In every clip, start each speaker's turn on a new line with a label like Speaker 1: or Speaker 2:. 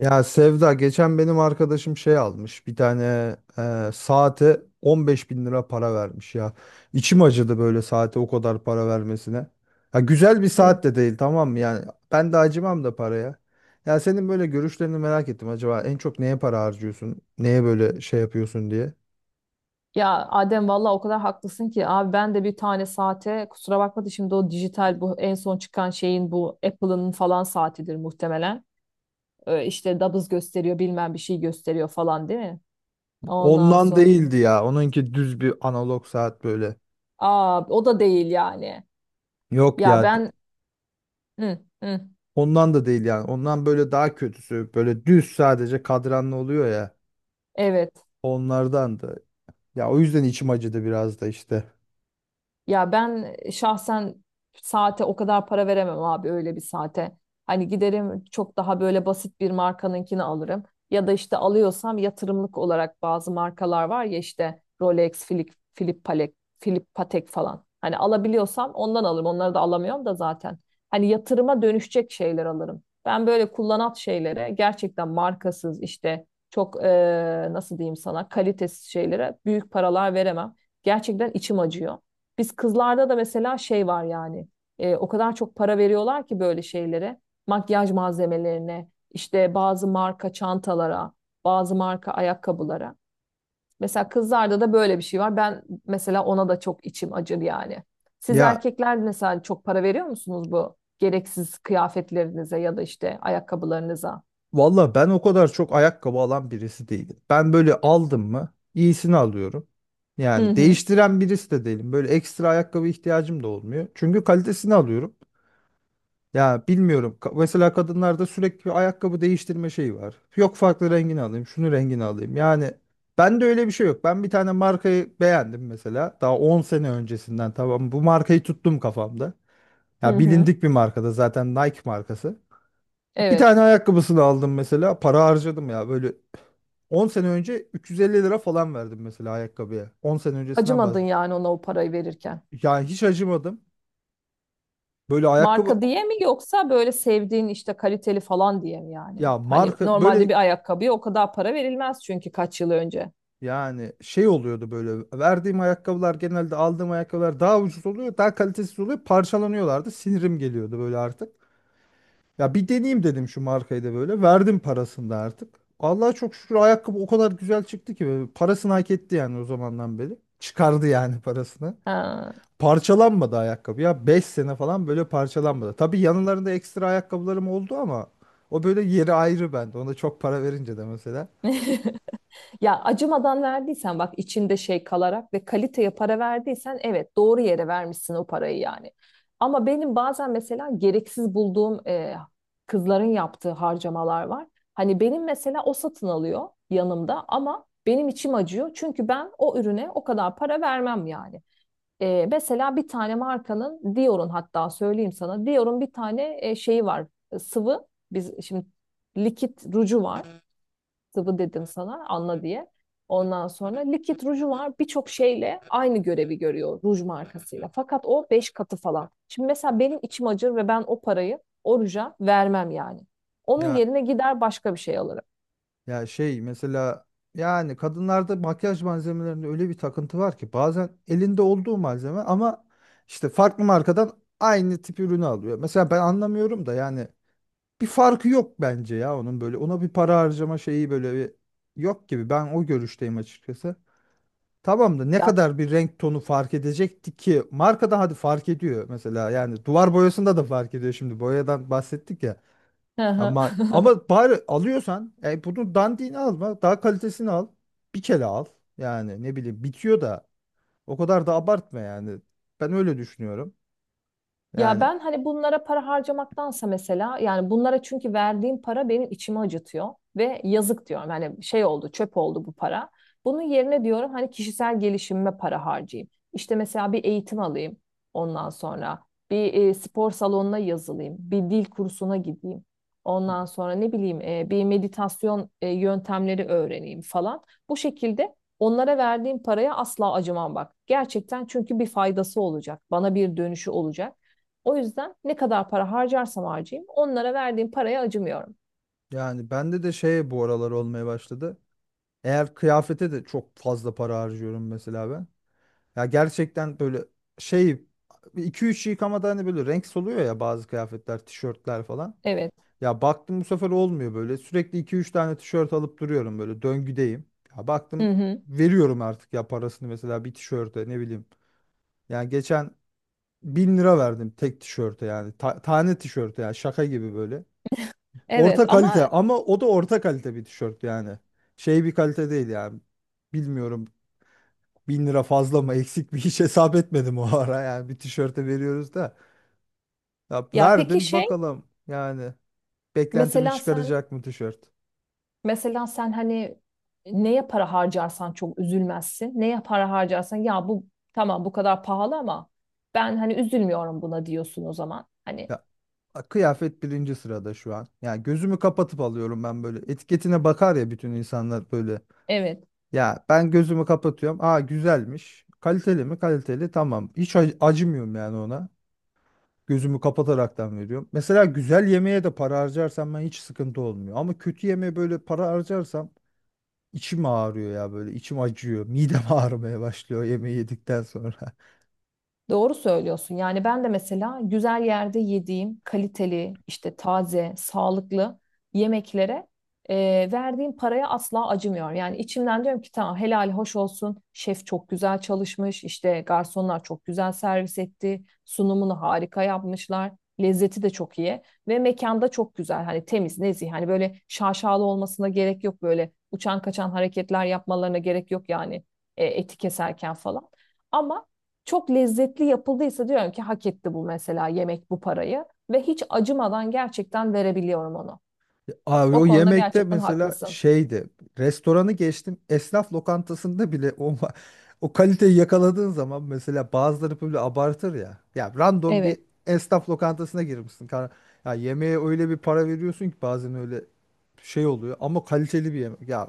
Speaker 1: Ya Sevda geçen benim arkadaşım şey almış bir tane saate 15 bin lira para vermiş ya. İçim acıdı böyle saate o kadar para vermesine. Ya güzel bir
Speaker 2: E,
Speaker 1: saat de değil tamam mı yani ben de acımam da paraya. Ya senin böyle görüşlerini merak ettim acaba en çok neye para harcıyorsun? Neye böyle şey yapıyorsun diye.
Speaker 2: Ya Adem, valla o kadar haklısın ki abi. Ben de bir tane saate, kusura bakma da, şimdi o dijital, bu en son çıkan şeyin, bu Apple'ın falan saatidir muhtemelen. İşte nabız gösteriyor, bilmem bir şey gösteriyor falan, değil mi? Ondan
Speaker 1: Ondan
Speaker 2: sonra
Speaker 1: değildi ya onunki düz bir analog saat böyle.
Speaker 2: aa, o da değil yani.
Speaker 1: Yok
Speaker 2: Ya
Speaker 1: ya
Speaker 2: ben Hı, hı,
Speaker 1: ondan da değil yani ondan böyle daha kötüsü böyle düz sadece kadranlı oluyor ya
Speaker 2: evet.
Speaker 1: onlardan da. Ya o yüzden içim acıdı biraz da işte.
Speaker 2: Ya ben şahsen saate o kadar para veremem abi, öyle bir saate. Hani giderim, çok daha böyle basit bir markanınkini alırım. Ya da işte alıyorsam yatırımlık olarak, bazı markalar var ya, işte Rolex, Philip, Philip Patek, Philip Patek falan. Hani alabiliyorsam ondan alırım. Onları da alamıyorum da zaten. Hani yatırıma dönüşecek şeyler alırım. Ben böyle kullanat şeylere, gerçekten markasız işte çok nasıl diyeyim sana, kalitesiz şeylere büyük paralar veremem. Gerçekten içim acıyor. Biz kızlarda da mesela şey var yani. O kadar çok para veriyorlar ki böyle şeylere. Makyaj malzemelerine, işte bazı marka çantalara, bazı marka ayakkabılara. Mesela kızlarda da böyle bir şey var. Ben mesela ona da çok içim acır yani. Siz
Speaker 1: Ya
Speaker 2: erkekler mesela çok para veriyor musunuz bu gereksiz kıyafetlerinize ya da işte ayakkabılarınıza?
Speaker 1: valla ben o kadar çok ayakkabı alan birisi değilim. Ben böyle aldım mı iyisini alıyorum.
Speaker 2: Hı
Speaker 1: Yani
Speaker 2: hı.
Speaker 1: değiştiren birisi de değilim. Böyle ekstra ayakkabı ihtiyacım da olmuyor. Çünkü kalitesini alıyorum. Ya bilmiyorum. Mesela kadınlarda sürekli bir ayakkabı değiştirme şeyi var. Yok farklı rengini alayım, şunu rengini alayım. Yani ben de öyle bir şey yok. Ben bir tane markayı beğendim mesela. Daha 10 sene öncesinden tamam. Bu markayı tuttum kafamda.
Speaker 2: Hı
Speaker 1: Ya
Speaker 2: hı.
Speaker 1: bilindik bir markada zaten Nike markası. Bir
Speaker 2: Evet.
Speaker 1: tane ayakkabısını aldım mesela. Para harcadım ya. Böyle 10 sene önce 350 lira falan verdim mesela ayakkabıya. 10 sene öncesinden
Speaker 2: Acımadın
Speaker 1: bahsediyorum.
Speaker 2: yani ona o parayı verirken.
Speaker 1: Yani hiç acımadım. Böyle ayakkabı
Speaker 2: Marka diye mi, yoksa böyle sevdiğin işte kaliteli falan diye mi yani?
Speaker 1: ya
Speaker 2: Hani
Speaker 1: marka böyle
Speaker 2: normalde bir ayakkabıya o kadar para verilmez, çünkü kaç yıl önce.
Speaker 1: yani şey oluyordu böyle. Verdiğim ayakkabılar genelde aldığım ayakkabılar daha ucuz oluyor. Daha kalitesiz oluyor. Parçalanıyorlardı. Sinirim geliyordu böyle artık. Ya bir deneyeyim dedim şu markayı da böyle. Verdim parasını da artık. Allah'a çok şükür ayakkabı o kadar güzel çıktı ki böyle parasını hak etti yani o zamandan beri. Çıkardı yani parasını.
Speaker 2: Ha.
Speaker 1: Parçalanmadı ayakkabı ya 5 sene falan böyle parçalanmadı. Tabii yanlarında ekstra ayakkabılarım oldu ama o böyle yeri ayrı bende. Ona çok para verince de mesela.
Speaker 2: Ya acımadan verdiysen, bak içinde şey kalarak ve kaliteye para verdiysen, evet doğru yere vermişsin o parayı yani. Ama benim bazen mesela gereksiz bulduğum kızların yaptığı harcamalar var. Hani benim mesela o satın alıyor yanımda, ama benim içim acıyor. Çünkü ben o ürüne o kadar para vermem yani. E, mesela bir tane markanın, Dior'un hatta söyleyeyim sana. Dior'un bir tane şeyi var, sıvı, biz şimdi likit ruju var, sıvı dedim sana anla diye. Ondan sonra likit ruju var, birçok şeyle aynı görevi görüyor ruj markasıyla. Fakat o 5 katı falan. Şimdi mesela benim içim acır ve ben o parayı o ruja vermem yani. Onun
Speaker 1: Ya
Speaker 2: yerine gider başka bir şey alırım.
Speaker 1: ya şey mesela yani kadınlarda makyaj malzemelerinde öyle bir takıntı var ki bazen elinde olduğu malzeme ama işte farklı markadan aynı tip ürünü alıyor. Mesela ben anlamıyorum da yani bir farkı yok bence ya onun böyle ona bir para harcama şeyi böyle bir yok gibi ben o görüşteyim açıkçası. Tamam da ne
Speaker 2: Ya.
Speaker 1: kadar bir renk tonu fark edecekti ki? Markada hadi fark ediyor mesela. Yani duvar boyasında da fark ediyor şimdi. Boyadan bahsettik ya.
Speaker 2: Hı hı.
Speaker 1: Ama ama bari alıyorsan bunu dandiğini alma. Daha kalitesini al. Bir kere al. Yani ne bileyim bitiyor da o kadar da abartma yani. Ben öyle düşünüyorum.
Speaker 2: Ya
Speaker 1: Yani
Speaker 2: ben hani bunlara para harcamaktansa, mesela yani bunlara, çünkü verdiğim para benim içimi acıtıyor ve yazık diyorum. Hani şey oldu, çöp oldu bu para. Bunun yerine diyorum, hani kişisel gelişimime para harcayayım. İşte mesela bir eğitim alayım, ondan sonra bir spor salonuna yazılayım, bir dil kursuna gideyim. Ondan sonra ne bileyim, bir meditasyon yöntemleri öğreneyim falan. Bu şekilde onlara verdiğim paraya asla acımam bak. Gerçekten, çünkü bir faydası olacak. Bana bir dönüşü olacak. O yüzden ne kadar para harcarsam harcayayım, onlara verdiğim paraya acımıyorum.
Speaker 1: yani bende de şey bu aralar olmaya başladı. Eğer kıyafete de çok fazla para harcıyorum mesela ben. Ya gerçekten böyle şey 2-3 yıkamada hani böyle renk soluyor ya bazı kıyafetler, tişörtler falan.
Speaker 2: Evet.
Speaker 1: Ya baktım bu sefer olmuyor böyle. Sürekli iki üç tane tişört alıp duruyorum böyle döngüdeyim. Ya
Speaker 2: Hı
Speaker 1: baktım
Speaker 2: hı.
Speaker 1: veriyorum artık ya parasını mesela bir tişörte ne bileyim. Yani geçen 1.000 lira verdim tek tişörte yani. Tane tişörte yani şaka gibi böyle.
Speaker 2: Evet
Speaker 1: Orta kalite
Speaker 2: ama.
Speaker 1: ama o da orta kalite bir tişört yani. Şey bir kalite değil yani. Bilmiyorum. 1.000 lira fazla mı eksik mi hiç hesap etmedim o ara yani bir tişörte veriyoruz da ya
Speaker 2: Ya peki
Speaker 1: verdim
Speaker 2: şey,
Speaker 1: bakalım yani beklentimi
Speaker 2: mesela sen,
Speaker 1: çıkaracak mı tişört
Speaker 2: hani neye para harcarsan çok üzülmezsin. Neye para harcarsan ya bu, tamam bu kadar pahalı ama ben hani üzülmüyorum buna, diyorsun o zaman. Hani
Speaker 1: ya kıyafet birinci sırada şu an yani gözümü kapatıp alıyorum ben böyle etiketine bakar ya bütün insanlar böyle
Speaker 2: evet.
Speaker 1: ya ben gözümü kapatıyorum aa güzelmiş kaliteli mi kaliteli tamam hiç acımıyorum yani ona gözümü kapataraktan veriyorum mesela güzel yemeğe de para harcarsam ben hiç sıkıntı olmuyor ama kötü yemeğe böyle para harcarsam İçim ağrıyor ya böyle içim acıyor. Midem ağrımaya başlıyor yemeği yedikten sonra.
Speaker 2: Doğru söylüyorsun. Yani ben de mesela güzel yerde yediğim kaliteli, işte taze, sağlıklı yemeklere e, verdiğim paraya asla acımıyorum. Yani içimden diyorum ki, tamam helal hoş olsun. Şef çok güzel çalışmış. İşte garsonlar çok güzel servis etti. Sunumunu harika yapmışlar. Lezzeti de çok iyi ve mekanda çok güzel. Hani temiz, nezih. Hani böyle şaşalı olmasına gerek yok, böyle uçan kaçan hareketler yapmalarına gerek yok yani, eti keserken falan. Ama çok lezzetli yapıldıysa, diyorum ki hak etti bu mesela yemek bu parayı ve hiç acımadan gerçekten verebiliyorum onu.
Speaker 1: Abi
Speaker 2: O
Speaker 1: o
Speaker 2: konuda
Speaker 1: yemekte
Speaker 2: gerçekten
Speaker 1: mesela
Speaker 2: haklısın.
Speaker 1: şeydi. Restoranı geçtim. Esnaf lokantasında bile o kaliteyi yakaladığın zaman mesela bazıları böyle abartır ya. Ya random
Speaker 2: Evet,
Speaker 1: bir esnaf lokantasına girmişsin. Ya yemeğe öyle bir para veriyorsun ki bazen öyle şey oluyor ama kaliteli bir yemek. Ya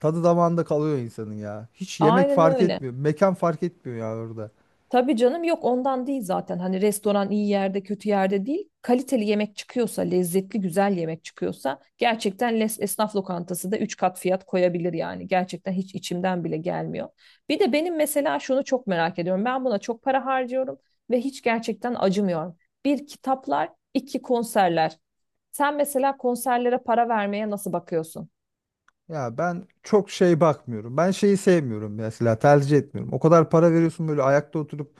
Speaker 1: tadı damağında kalıyor insanın ya. Hiç yemek
Speaker 2: aynen
Speaker 1: fark
Speaker 2: öyle.
Speaker 1: etmiyor. Mekan fark etmiyor ya orada.
Speaker 2: Tabii canım, yok ondan değil zaten. Hani restoran iyi yerde kötü yerde değil. Kaliteli yemek çıkıyorsa, lezzetli güzel yemek çıkıyorsa, gerçekten les- esnaf lokantası da 3 kat fiyat koyabilir yani. Gerçekten hiç içimden bile gelmiyor. Bir de benim mesela şunu çok merak ediyorum. Ben buna çok para harcıyorum ve hiç gerçekten acımıyorum. Bir, kitaplar; iki, konserler. Sen mesela konserlere para vermeye nasıl bakıyorsun?
Speaker 1: Ya ben çok şey bakmıyorum. Ben şeyi sevmiyorum mesela tercih etmiyorum. O kadar para veriyorsun böyle ayakta oturup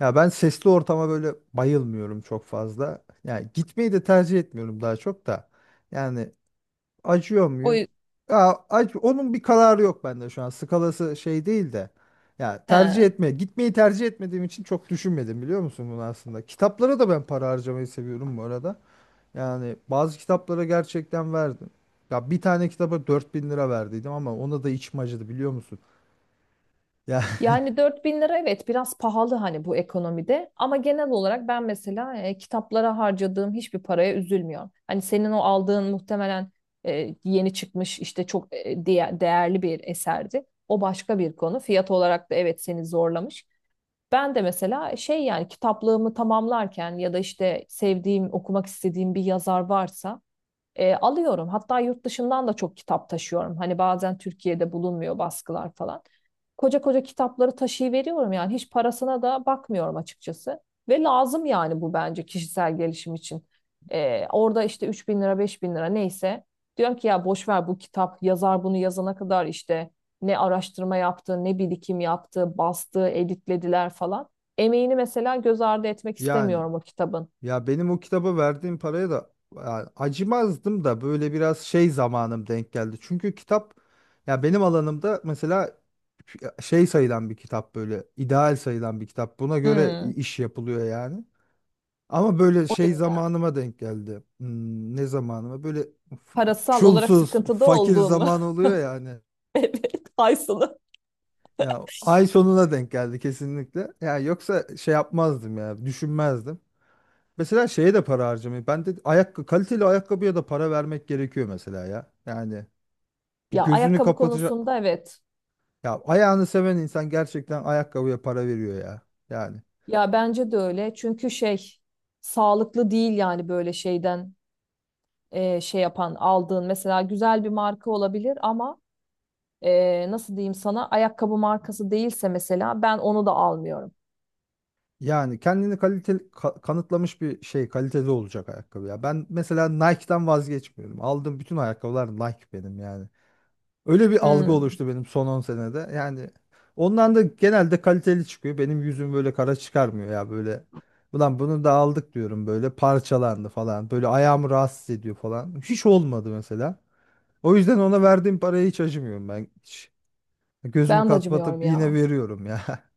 Speaker 1: ya ben sesli ortama böyle bayılmıyorum çok fazla. Yani gitmeyi de tercih etmiyorum daha çok da. Yani acıyor
Speaker 2: O
Speaker 1: muyum? Ya onun bir kararı yok bende şu an. Skalası şey değil de. Ya tercih
Speaker 2: yüzden.
Speaker 1: etme, gitmeyi tercih etmediğim için çok düşünmedim biliyor musun bunu aslında. Kitaplara da ben para harcamayı seviyorum bu arada. Yani bazı kitaplara gerçekten verdim. Ya bir tane kitaba 4.000 lira verdiydim ama ona da içim acıdı biliyor musun? Ya
Speaker 2: Yani 4000 lira evet biraz pahalı hani bu ekonomide, ama genel olarak ben mesela kitaplara harcadığım hiçbir paraya üzülmüyorum. Hani senin o aldığın muhtemelen yeni çıkmış, işte çok değerli bir eserdi. O başka bir konu. Fiyat olarak da evet seni zorlamış. Ben de mesela şey yani, kitaplığımı tamamlarken ya da işte sevdiğim, okumak istediğim bir yazar varsa alıyorum. Hatta yurt dışından da çok kitap taşıyorum. Hani bazen Türkiye'de bulunmuyor baskılar falan. Koca koca kitapları taşıyıveriyorum yani. Hiç parasına da bakmıyorum açıkçası. Ve lazım yani bu, bence kişisel gelişim için. Orada işte 3000 bin lira, 5000 bin lira neyse. Diyorum ki ya boş ver bu kitap. Yazar bunu yazana kadar işte ne araştırma yaptı, ne birikim yaptı, bastı, editlediler falan. Emeğini mesela göz ardı etmek
Speaker 1: yani
Speaker 2: istemiyorum o kitabın.
Speaker 1: ya benim o kitaba verdiğim paraya da ya acımazdım da böyle biraz şey zamanım denk geldi. Çünkü kitap ya benim alanımda mesela şey sayılan bir kitap böyle ideal sayılan bir kitap. Buna göre
Speaker 2: Hmm,
Speaker 1: iş yapılıyor yani. Ama böyle
Speaker 2: o
Speaker 1: şey
Speaker 2: yüzden.
Speaker 1: zamanıma denk geldi. Ne zamanıma? Böyle f-
Speaker 2: Parasal olarak
Speaker 1: çulsuz,
Speaker 2: sıkıntıda
Speaker 1: fakir
Speaker 2: olduğun mu?
Speaker 1: zaman oluyor yani.
Speaker 2: Evet, ay sonu.
Speaker 1: Ya ay sonuna denk geldi kesinlikle. Ya yoksa şey yapmazdım ya, düşünmezdim. Mesela şeye de para harcamayı. Ben de ayakkabı, kaliteli ayakkabıya da para vermek gerekiyor mesela ya. Yani bir
Speaker 2: Ya
Speaker 1: gözünü
Speaker 2: ayakkabı
Speaker 1: kapatacak.
Speaker 2: konusunda evet.
Speaker 1: Ya ayağını seven insan gerçekten ayakkabıya para veriyor ya. Yani
Speaker 2: Ya bence de öyle. Çünkü şey, sağlıklı değil yani, böyle şeyden şey yapan aldığın mesela güzel bir marka olabilir ama nasıl diyeyim sana, ayakkabı markası değilse mesela, ben onu da almıyorum.
Speaker 1: yani kendini kaliteli kanıtlamış bir şey kaliteli olacak ayakkabı ya. Ben mesela Nike'dan vazgeçmiyorum. Aldığım bütün ayakkabılar Nike benim yani. Öyle bir algı
Speaker 2: Hmm,
Speaker 1: oluştu benim son 10 senede. Yani ondan da genelde kaliteli çıkıyor. Benim yüzüm böyle kara çıkarmıyor ya böyle. Ulan bunu da aldık diyorum böyle parçalandı falan. Böyle ayağımı rahatsız ediyor falan. Hiç olmadı mesela. O yüzden ona verdiğim paraya hiç acımıyorum ben. Hiç. Gözümü
Speaker 2: Ben de acımıyorum
Speaker 1: kapatıp yine
Speaker 2: ya.
Speaker 1: veriyorum ya.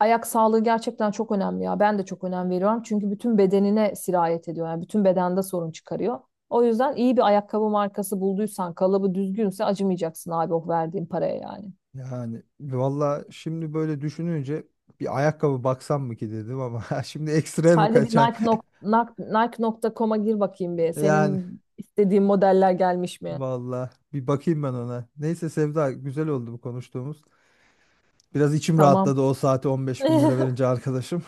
Speaker 2: Ayak sağlığı gerçekten çok önemli ya. Ben de çok önem veriyorum. Çünkü bütün bedenine sirayet ediyor. Yani bütün bedende sorun çıkarıyor. O yüzden iyi bir ayakkabı markası bulduysan, kalıbı düzgünse, acımayacaksın abi o verdiğin paraya yani.
Speaker 1: Yani valla şimdi böyle düşününce bir ayakkabı baksam mı ki dedim ama şimdi ekstra mı
Speaker 2: Hadi bir
Speaker 1: kaçar?
Speaker 2: Nike nokta com'a gir bakayım bir.
Speaker 1: Yani
Speaker 2: Senin istediğin modeller gelmiş mi?
Speaker 1: valla bir bakayım ben ona. Neyse Sevda güzel oldu bu konuştuğumuz. Biraz içim
Speaker 2: Tamam.
Speaker 1: rahatladı o saate 15 bin lira verince arkadaşım.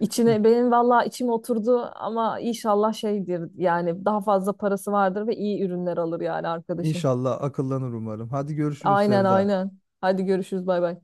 Speaker 2: İçine benim vallahi içim oturdu ama inşallah şeydir yani, daha fazla parası vardır ve iyi ürünler alır yani arkadaşın.
Speaker 1: İnşallah akıllanır umarım. Hadi görüşürüz
Speaker 2: Aynen,
Speaker 1: Sevda.
Speaker 2: aynen. Hadi görüşürüz, bay bay.